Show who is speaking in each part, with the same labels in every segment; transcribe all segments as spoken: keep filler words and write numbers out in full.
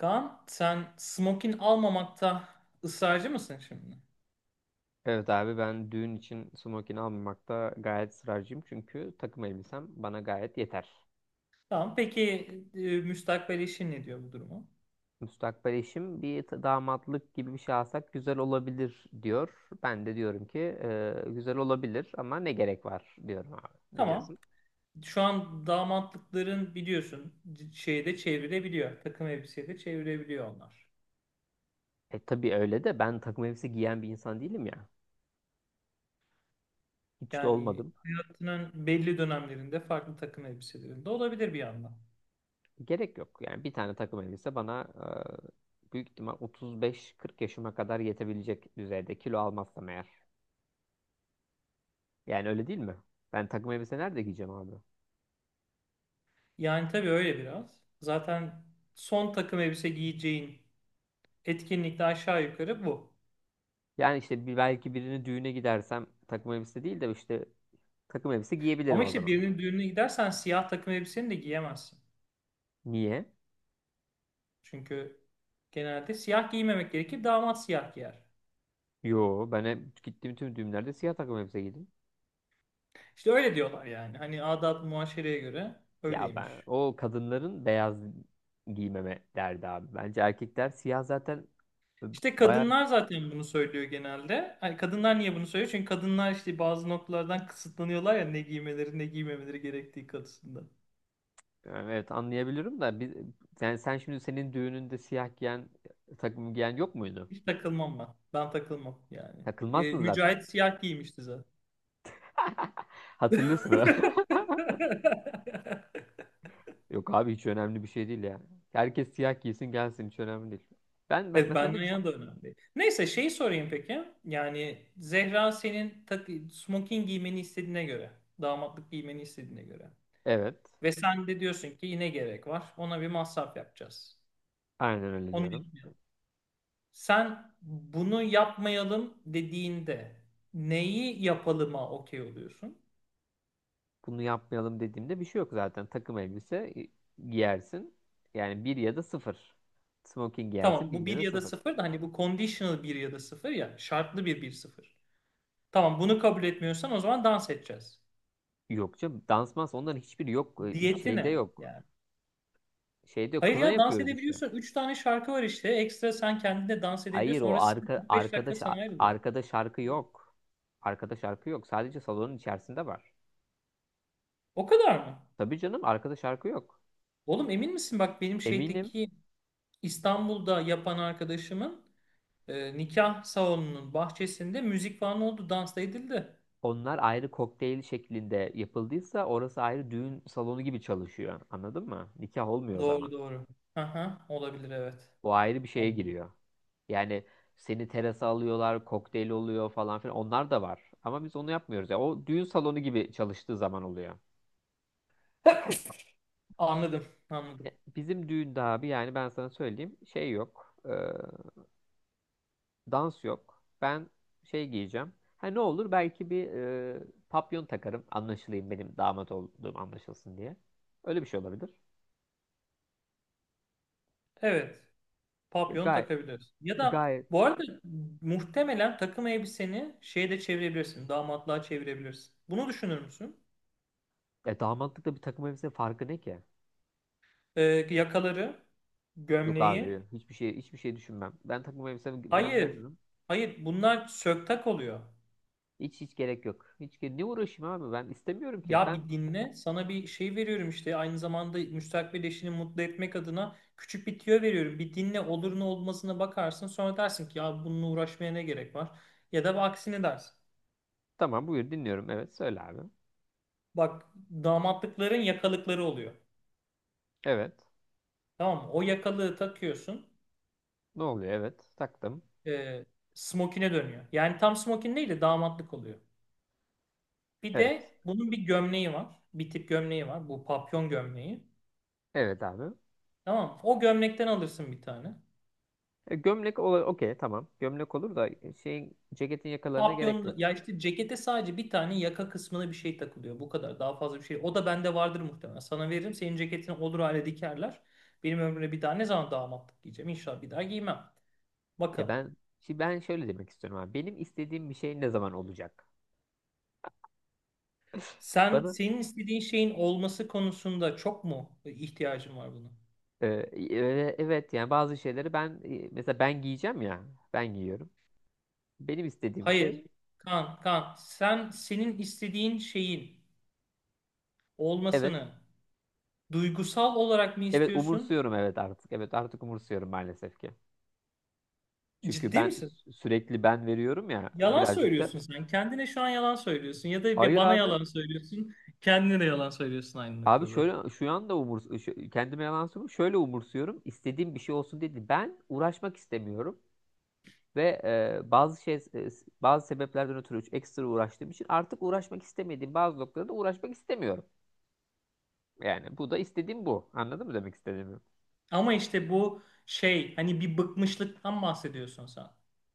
Speaker 1: Kaan sen smokin almamakta ısrarcı mısın şimdi?
Speaker 2: Evet abi, ben düğün için smokin almamakta gayet ısrarcıyım. Çünkü takım elbisem bana gayet yeter.
Speaker 1: Tamam peki. E, müstakbel eşin ne diyor bu duruma?
Speaker 2: Müstakbel eşim bir t- damatlık gibi bir şey alsak güzel olabilir diyor. Ben de diyorum ki "E, güzel olabilir ama ne gerek var diyorum abi. Ne
Speaker 1: Tamam,
Speaker 2: diyorsun?
Speaker 1: şu an damatlıkların biliyorsun c- şeyde çevirebiliyor. Takım elbiseyle çevirebiliyor onlar.
Speaker 2: E tabii öyle de ben takım elbise giyen bir insan değilim ya. Hiç de
Speaker 1: Yani
Speaker 2: olmadım.
Speaker 1: hayatının belli dönemlerinde farklı takım elbiselerinde olabilir bir yandan.
Speaker 2: Gerek yok. Yani bir tane takım elbise bana e, büyük ihtimal otuz beş kırk yaşıma kadar yetebilecek düzeyde, kilo almazsam eğer. Yani öyle değil mi? Ben takım elbise nerede giyeceğim abi?
Speaker 1: Yani tabii öyle biraz. Zaten son takım elbise giyeceğin etkinlikte aşağı yukarı bu.
Speaker 2: Yani işte bir, belki birini düğüne gidersem takım elbise değil de işte takım elbise giyebilirim
Speaker 1: Ama
Speaker 2: o
Speaker 1: işte
Speaker 2: zaman.
Speaker 1: birinin düğününe gidersen siyah takım elbiseni de giyemezsin.
Speaker 2: Niye?
Speaker 1: Çünkü genelde siyah giymemek gerekir. Damat siyah giyer.
Speaker 2: Yo, ben hep gittiğim tüm düğünlerde siyah takım elbise giydim.
Speaker 1: İşte öyle diyorlar yani. Hani adat muaşereye göre
Speaker 2: Ya ben
Speaker 1: öyleymiş.
Speaker 2: o kadınların beyaz giymeme derdi abi. Bence erkekler siyah zaten, e,
Speaker 1: İşte
Speaker 2: bayağı.
Speaker 1: kadınlar zaten bunu söylüyor genelde. Hani kadınlar niye bunu söylüyor? Çünkü kadınlar işte bazı noktalardan kısıtlanıyorlar ya, ne giymeleri ne giymemeleri gerektiği konusunda.
Speaker 2: Yani evet, anlayabilirim da biz, yani sen şimdi senin düğününde siyah giyen, takım giyen yok muydu?
Speaker 1: Hiç takılmam ben. Ben takılmam yani. E,
Speaker 2: Takılmazsın zaten.
Speaker 1: Mücahit siyah giymişti zaten.
Speaker 2: Hatırlıyorsun ha? Yok abi, hiç önemli bir şey değil yani. Herkes siyah giysin gelsin, hiç önemli değil. Ben, ben
Speaker 1: Evet,
Speaker 2: mesela ne
Speaker 1: benden
Speaker 2: düşün?
Speaker 1: yana da önemli. Neyse şeyi sorayım peki. Yani Zehra senin tak smoking giymeni istediğine göre, damatlık giymeni istediğine göre.
Speaker 2: Evet.
Speaker 1: Ve sen de diyorsun ki yine gerek var. Ona bir masraf yapacağız.
Speaker 2: Aynen öyle
Speaker 1: Onu
Speaker 2: diyorum.
Speaker 1: yapmayalım. Sen bunu yapmayalım dediğinde neyi yapalıma okey oluyorsun?
Speaker 2: Bunu yapmayalım dediğimde bir şey yok zaten. Takım elbise gi- giyersin. Yani bir ya da sıfır. Smoking giyersin,
Speaker 1: Tamam,
Speaker 2: bir
Speaker 1: bu
Speaker 2: ya
Speaker 1: bir
Speaker 2: da
Speaker 1: ya da
Speaker 2: sıfır.
Speaker 1: sıfır da hani bu conditional bir ya da sıfır, ya şartlı bir bir sıfır. Tamam, bunu kabul etmiyorsan o zaman dans edeceğiz.
Speaker 2: Yok canım, dansmaz, onların hiçbiri yok. Ee,
Speaker 1: Diyeti
Speaker 2: Şeyde
Speaker 1: ne
Speaker 2: yok.
Speaker 1: yani?
Speaker 2: Şeyde yok.
Speaker 1: Hayır
Speaker 2: Kına
Speaker 1: ya, dans
Speaker 2: yapıyoruz işte.
Speaker 1: edebiliyorsun. Üç tane şarkı var işte. Ekstra sen kendine dans
Speaker 2: Hayır,
Speaker 1: edebiliyorsun.
Speaker 2: o
Speaker 1: Orası sana
Speaker 2: arka,
Speaker 1: kırk beş dakika
Speaker 2: arkadaş
Speaker 1: sana ayrılıyor.
Speaker 2: arkada şarkı yok. Arkada şarkı yok. Sadece salonun içerisinde var.
Speaker 1: O kadar mı?
Speaker 2: Tabii canım, arkada şarkı yok.
Speaker 1: Oğlum emin misin? Bak benim
Speaker 2: Eminim.
Speaker 1: şeydeki İstanbul'da yapan arkadaşımın e, nikah salonunun bahçesinde müzik falan oldu. Dans da edildi.
Speaker 2: Onlar ayrı, kokteyl şeklinde yapıldıysa orası ayrı düğün salonu gibi çalışıyor. Anladın mı? Nikah olmuyor o zaman.
Speaker 1: Doğru doğru. Aha, olabilir, evet.
Speaker 2: O ayrı bir şeye
Speaker 1: Olabilir.
Speaker 2: giriyor. Yani seni terasa alıyorlar, kokteyl oluyor falan filan. Onlar da var. Ama biz onu yapmıyoruz. Ya o düğün salonu gibi çalıştığı zaman oluyor.
Speaker 1: Anladım, anladım.
Speaker 2: Ya, bizim düğünde abi yani ben sana söyleyeyim, şey yok. E, dans yok. Ben şey giyeceğim. Ha, ne olur, belki bir e, papyon takarım, anlaşılayım, benim damat olduğum anlaşılsın diye. Öyle bir şey olabilir.
Speaker 1: Evet, papyon
Speaker 2: Gayet
Speaker 1: takabiliriz. Ya da
Speaker 2: Gayet.
Speaker 1: bu arada muhtemelen takım elbiseni şeye de çevirebilirsin, damatlığa çevirebilirsin. Bunu düşünür müsün?
Speaker 2: E, damatlıkta bir takım elbise farkı ne ki?
Speaker 1: e, Yakaları,
Speaker 2: Yok abi,
Speaker 1: gömleği.
Speaker 2: hiçbir şey hiçbir şey düşünmem. Ben takım elbisemden
Speaker 1: Hayır,
Speaker 2: memnunum.
Speaker 1: hayır, bunlar söktak oluyor.
Speaker 2: Hiç hiç gerek yok. Hiç ge- ne uğraşayım abi, ben istemiyorum ki.
Speaker 1: Ya
Speaker 2: Ben
Speaker 1: bir dinle, sana bir şey veriyorum işte, aynı zamanda müstakbel eşini mutlu etmek adına küçük bir tüyo veriyorum. Bir dinle, olur ne olmasına bakarsın, sonra dersin ki ya bununla uğraşmaya ne gerek var? Ya da aksini dersin.
Speaker 2: tamam, buyur dinliyorum. Evet söyle abi.
Speaker 1: Bak, damatlıkların yakalıkları oluyor.
Speaker 2: Evet.
Speaker 1: Tamam mı? O yakalığı takıyorsun.
Speaker 2: Ne oluyor? Evet. Taktım.
Speaker 1: E, smokine dönüyor. Yani tam smokin değil de damatlık oluyor. Bir
Speaker 2: Evet.
Speaker 1: de bunun bir gömleği var. Bir tip gömleği var. Bu papyon gömleği.
Speaker 2: Evet abi.
Speaker 1: Tamam mı? O gömlekten alırsın bir tane.
Speaker 2: E, gömlek olur. Okey tamam. Gömlek olur da e, şeyin, ceketin yakalarına gerek yok.
Speaker 1: Papyon ya, işte cekete sadece bir tane yaka kısmına bir şey takılıyor. Bu kadar. Daha fazla bir şey. O da bende vardır muhtemelen. Sana veririm. Senin ceketini olur hale dikerler. Benim ömrümde bir daha ne zaman damatlık giyeceğim? İnşallah bir daha giymem.
Speaker 2: Ya
Speaker 1: Bakalım.
Speaker 2: ben şimdi, ben şöyle demek istiyorum abi. Benim istediğim bir şey ne zaman olacak?
Speaker 1: Sen
Speaker 2: Bana
Speaker 1: senin istediğin şeyin olması konusunda çok mu ihtiyacın var buna?
Speaker 2: Ee, e, evet, yani bazı şeyleri ben e, mesela, ben giyeceğim ya, ben giyiyorum. Benim istediğim
Speaker 1: Hayır.
Speaker 2: şey
Speaker 1: Kan, kan. Sen senin istediğin şeyin
Speaker 2: evet,
Speaker 1: olmasını duygusal olarak mı
Speaker 2: evet
Speaker 1: istiyorsun?
Speaker 2: umursuyorum, evet artık, evet artık umursuyorum maalesef ki. Çünkü
Speaker 1: Ciddi
Speaker 2: ben
Speaker 1: misin?
Speaker 2: sü- sürekli ben veriyorum ya
Speaker 1: Yalan
Speaker 2: birazcık da.
Speaker 1: söylüyorsun sen. Kendine şu an yalan söylüyorsun. Ya da bir
Speaker 2: Hayır
Speaker 1: bana
Speaker 2: abi,
Speaker 1: yalan söylüyorsun. Kendine de yalan söylüyorsun aynı
Speaker 2: abi
Speaker 1: noktada.
Speaker 2: şöyle, şu anda umurs şu, kendime yalan söylüyorum şöyle, umursuyorum, istediğim bir şey olsun dedi. Ben uğraşmak istemiyorum ve e, bazı şey e, bazı sebeplerden ötürü ekstra uğraştığım için artık uğraşmak istemediğim bazı noktalarda uğraşmak istemiyorum. Yani bu da istediğim bu. Anladın mı demek istediğimi?
Speaker 1: Ama işte bu şey, hani bir bıkmışlıktan bahsediyorsun sen.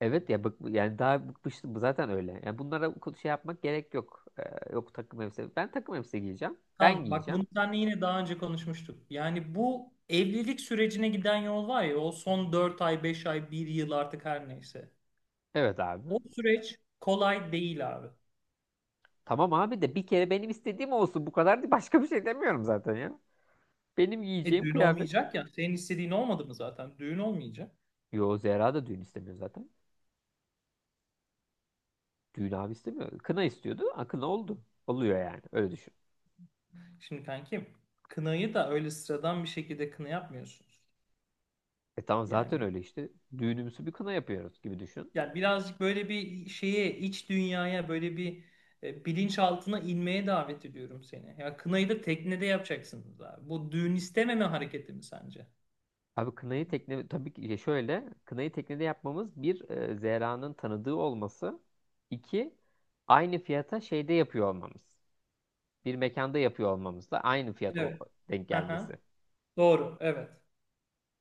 Speaker 2: Evet ya bık, yani daha bıkmıştım bu, zaten öyle. Yani bunlara bu şey yapmak gerek yok. Ee, yok takım elbise. Ben takım elbise giyeceğim. Ben
Speaker 1: Tamam bak,
Speaker 2: giyeceğim.
Speaker 1: bunu seninle yine daha önce konuşmuştuk. Yani bu evlilik sürecine giden yol var ya, o son dört ay, beş ay, bir yıl, artık her neyse.
Speaker 2: Evet abi.
Speaker 1: O süreç kolay değil abi.
Speaker 2: Tamam abi de bir kere benim istediğim olsun. Bu kadar, değil başka bir şey demiyorum zaten ya. Benim
Speaker 1: E
Speaker 2: giyeceğim
Speaker 1: düğün
Speaker 2: kıyafet.
Speaker 1: olmayacak ya. Senin istediğin olmadı mı zaten? Düğün olmayacak.
Speaker 2: Yo, Zehra da düğün istemiyor zaten. Düğün abi istemiyor. Kına istiyordu. Ha, kına oldu. Oluyor yani. Öyle düşün.
Speaker 1: Şimdi kankim, kınayı da öyle sıradan bir şekilde kına yapmıyorsunuz.
Speaker 2: E tamam, zaten
Speaker 1: Yani
Speaker 2: öyle işte. Düğünümüzü bir kına yapıyoruz gibi düşün.
Speaker 1: ya birazcık böyle bir şeye, iç dünyaya, böyle bir e, bilinçaltına inmeye davet ediyorum seni. Ya kınayı da teknede yapacaksınız abi. Bu düğün istememe hareketi mi sence?
Speaker 2: Abi kınayı tekne, tabii ki şöyle, kınayı teknede yapmamız bir, e, Zehra'nın tanıdığı olması, iki, aynı fiyata şeyde yapıyor olmamız, bir mekanda yapıyor olmamız da aynı fiyat ol-
Speaker 1: Evet.
Speaker 2: denk
Speaker 1: Aha.
Speaker 2: gelmesi.
Speaker 1: Doğru. Evet.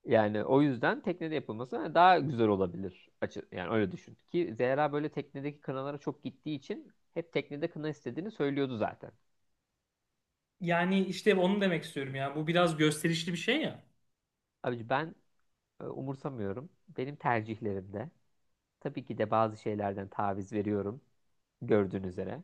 Speaker 2: Yani o yüzden teknede yapılması daha güzel olabilir açı, yani öyle düşün ki Zehra böyle teknedeki kınalara çok gittiği için hep teknede kına istediğini söylüyordu zaten.
Speaker 1: Yani işte onu demek istiyorum ya. Bu biraz gösterişli bir şey ya.
Speaker 2: Abi ben e, umursamıyorum benim tercihlerimde. Tabii ki de bazı şeylerden taviz veriyorum, gördüğün üzere.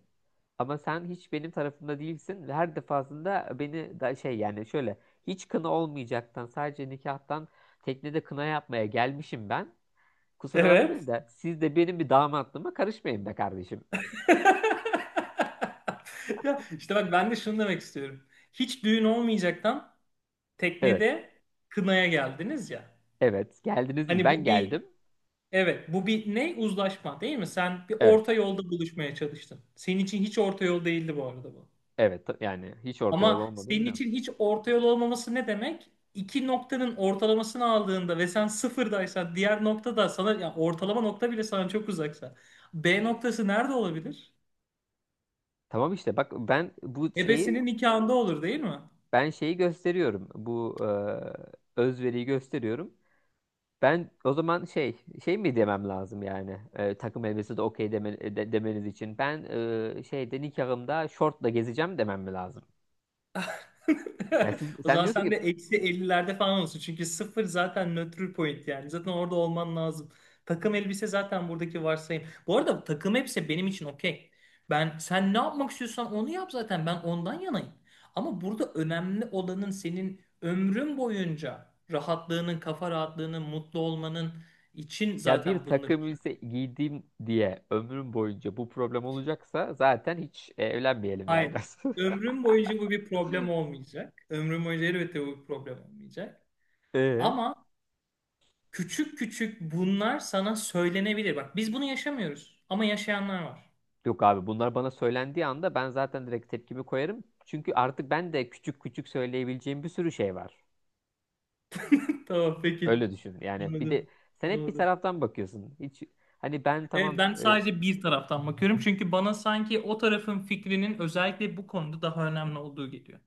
Speaker 2: Ama sen hiç benim tarafımda değilsin ve her defasında beni da şey, yani şöyle, hiç kına olmayacaktan sadece nikahtan teknede kına yapmaya gelmişim ben. Kusura
Speaker 1: Evet.
Speaker 2: bakmayın da siz de benim bir damatlığıma karışmayın be kardeşim.
Speaker 1: Ya işte bak, ben de şunu demek istiyorum. Hiç düğün olmayacaktan
Speaker 2: Evet.
Speaker 1: teknede kınaya geldiniz ya.
Speaker 2: Evet. Geldiniz değil,
Speaker 1: Hani
Speaker 2: ben
Speaker 1: bu bir,
Speaker 2: geldim.
Speaker 1: evet, bu bir ne, uzlaşma değil mi? Sen bir
Speaker 2: Evet.
Speaker 1: orta yolda buluşmaya çalıştın. Senin için hiç orta yol değildi bu arada bu.
Speaker 2: Evet. ta- Yani hiç orta yol
Speaker 1: Ama
Speaker 2: olmadığını
Speaker 1: senin
Speaker 2: biliyorsun.
Speaker 1: için hiç orta yol olmaması ne demek? İki noktanın ortalamasını aldığında ve sen sıfırdaysan, diğer nokta da sana, ya ortalama nokta bile sana çok uzaksa. B noktası nerede olabilir?
Speaker 2: Tamam işte bak, ben bu şeyi
Speaker 1: Ebesinin nikahında olur değil mi?
Speaker 2: ben şeyi gösteriyorum. Bu e, özveriyi gösteriyorum. Ben o zaman şey, şey mi demem lazım yani, e, takım elbisesi de okey deme- e, de- demeniz için ben, e, şeyde nikahımda şortla gezeceğim demem mi lazım? Yani siz,
Speaker 1: O
Speaker 2: sen
Speaker 1: zaman
Speaker 2: diyorsun
Speaker 1: sen de
Speaker 2: ki
Speaker 1: eksi ellilerde falan olsun. Çünkü sıfır zaten nötr point yani. Zaten orada olman lazım. Takım elbise zaten buradaki varsayım. Bu arada takım elbise benim için okey. Ben, sen ne yapmak istiyorsan onu yap zaten. Ben ondan yanayım. Ama burada önemli olanın senin ömrün boyunca rahatlığının, kafa rahatlığının, mutlu olmanın için
Speaker 2: ya bir
Speaker 1: zaten bunları.
Speaker 2: takım elbise giydim diye ömrüm boyunca bu problem olacaksa zaten hiç e, evlenmeyelim yani.
Speaker 1: Hayır. Ömrüm boyunca bu bir problem olmayacak. Ömrüm boyunca elbette bu bir problem olmayacak.
Speaker 2: Ee?
Speaker 1: Ama küçük küçük bunlar sana söylenebilir. Bak biz bunu yaşamıyoruz ama yaşayanlar var.
Speaker 2: Yok abi, bunlar bana söylendiği anda ben zaten direkt tepkimi koyarım. Çünkü artık ben de küçük küçük söyleyebileceğim bir sürü şey var.
Speaker 1: Tamam peki.
Speaker 2: Öyle düşün yani, bir de
Speaker 1: Anladım.
Speaker 2: sen hep bir
Speaker 1: Anladım.
Speaker 2: taraftan bakıyorsun. Hiç. Hani ben
Speaker 1: Evet,
Speaker 2: tamam
Speaker 1: ben
Speaker 2: e,
Speaker 1: sadece bir taraftan bakıyorum çünkü bana sanki o tarafın fikrinin özellikle bu konuda daha önemli olduğu geliyor.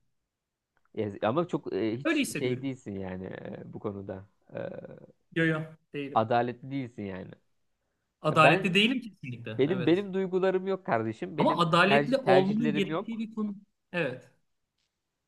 Speaker 2: ya, ama çok e,
Speaker 1: Öyle
Speaker 2: hiç şey
Speaker 1: hissediyorum.
Speaker 2: değilsin yani e, bu konuda. E,
Speaker 1: Yo yo, değilim.
Speaker 2: adaletli değilsin yani. E, ben
Speaker 1: Adaletli değilim kesinlikle.
Speaker 2: benim
Speaker 1: Evet.
Speaker 2: benim duygularım yok kardeşim.
Speaker 1: Ama
Speaker 2: Benim tercih
Speaker 1: adaletli olmanın
Speaker 2: tercihlerim
Speaker 1: gerektiği
Speaker 2: yok.
Speaker 1: bir konu. Evet.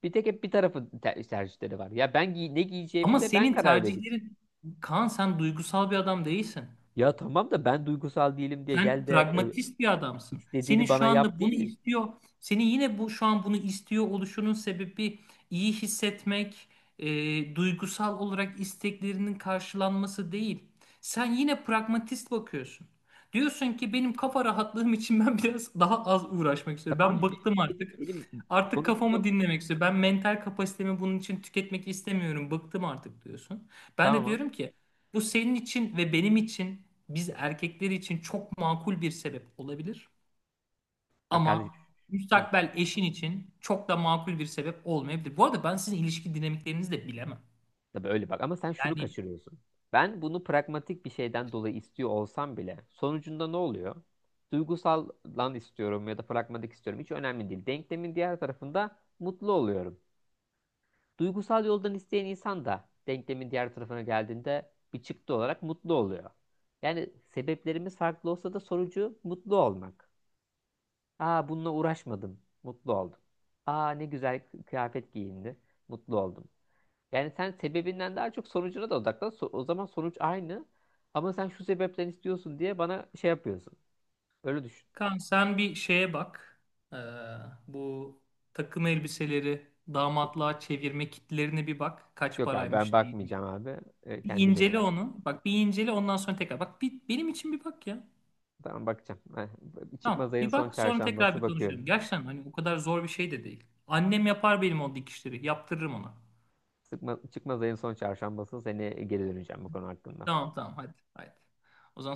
Speaker 2: Bir tek hep bir tarafın ter- tercihleri var. Ya ben giy- ne giyeceğimi
Speaker 1: Ama
Speaker 2: de ben
Speaker 1: senin
Speaker 2: karar vereyim.
Speaker 1: tercihlerin, Kaan sen duygusal bir adam değilsin.
Speaker 2: Ya tamam da ben duygusal değilim diye
Speaker 1: Sen
Speaker 2: gel de e,
Speaker 1: pragmatist bir adamsın. Senin
Speaker 2: istediğini
Speaker 1: şu
Speaker 2: bana yap
Speaker 1: anda
Speaker 2: değil
Speaker 1: bunu
Speaker 2: mi?
Speaker 1: istiyor, senin yine bu şu an bunu istiyor oluşunun sebebi iyi hissetmek, e, duygusal olarak isteklerinin karşılanması değil. Sen yine pragmatist bakıyorsun. Diyorsun ki benim kafa rahatlığım için ben biraz daha az uğraşmak istiyorum.
Speaker 2: Tamam
Speaker 1: Ben
Speaker 2: abi, benim
Speaker 1: bıktım
Speaker 2: istediğim
Speaker 1: artık.
Speaker 2: benim
Speaker 1: Artık
Speaker 2: sonucunda
Speaker 1: kafamı dinlemek istiyorum. Ben mental kapasitemi bunun için tüketmek istemiyorum. Bıktım artık diyorsun. Ben de
Speaker 2: tamam.
Speaker 1: diyorum ki bu senin için ve benim için, biz erkekler için çok makul bir sebep olabilir
Speaker 2: Bak kardeşim.
Speaker 1: ama
Speaker 2: Hı.
Speaker 1: müstakbel eşin için çok da makul bir sebep olmayabilir. Bu arada ben sizin ilişki dinamiklerinizi de bilemem.
Speaker 2: Tabii öyle bak, ama sen şunu
Speaker 1: Yani
Speaker 2: kaçırıyorsun. Ben bunu pragmatik bir şeyden dolayı istiyor olsam bile sonucunda ne oluyor? Duygusal lan istiyorum ya da pragmatik istiyorum, hiç önemli değil. Denklemin diğer tarafında mutlu oluyorum. Duygusal yoldan isteyen insan da denklemin diğer tarafına geldiğinde bir çıktı olarak mutlu oluyor. Yani sebeplerimiz farklı olsa da sonucu mutlu olmak. Aa, bununla uğraşmadım, mutlu oldum. Aa ne güzel kıyafet giyindi, mutlu oldum. Yani sen sebebinden daha çok sonucuna da odaklan. So- O zaman sonuç aynı. Ama sen şu sebepten istiyorsun diye bana şey yapıyorsun. Öyle düşün.
Speaker 1: kan, sen bir şeye bak. Ee, bu takım elbiseleri damatlığa çevirme kitlerine bir bak. Kaç
Speaker 2: Yok abi, ben
Speaker 1: paraymış değilmiş.
Speaker 2: bakmayacağım abi. E,
Speaker 1: Bir
Speaker 2: kendine iyi
Speaker 1: incele
Speaker 2: bak.
Speaker 1: onu. Bak bir incele, ondan sonra tekrar. Bak bir, benim için bir bak ya.
Speaker 2: Tamam, bakacağım. Ha, çıkmaz
Speaker 1: Tamam.
Speaker 2: ayın
Speaker 1: Bir
Speaker 2: son
Speaker 1: bak sonra tekrar
Speaker 2: çarşambası
Speaker 1: bir
Speaker 2: bakıyorum.
Speaker 1: konuşalım. Gerçekten hani o kadar zor bir şey de değil. Annem yapar benim o dikişleri. Yaptırırım ona.
Speaker 2: Sıkma, çıkmaz ayın son çarşambası seni geri döneceğim bu konu hakkında.
Speaker 1: Tamam tamam, hadi. Hadi. O zaman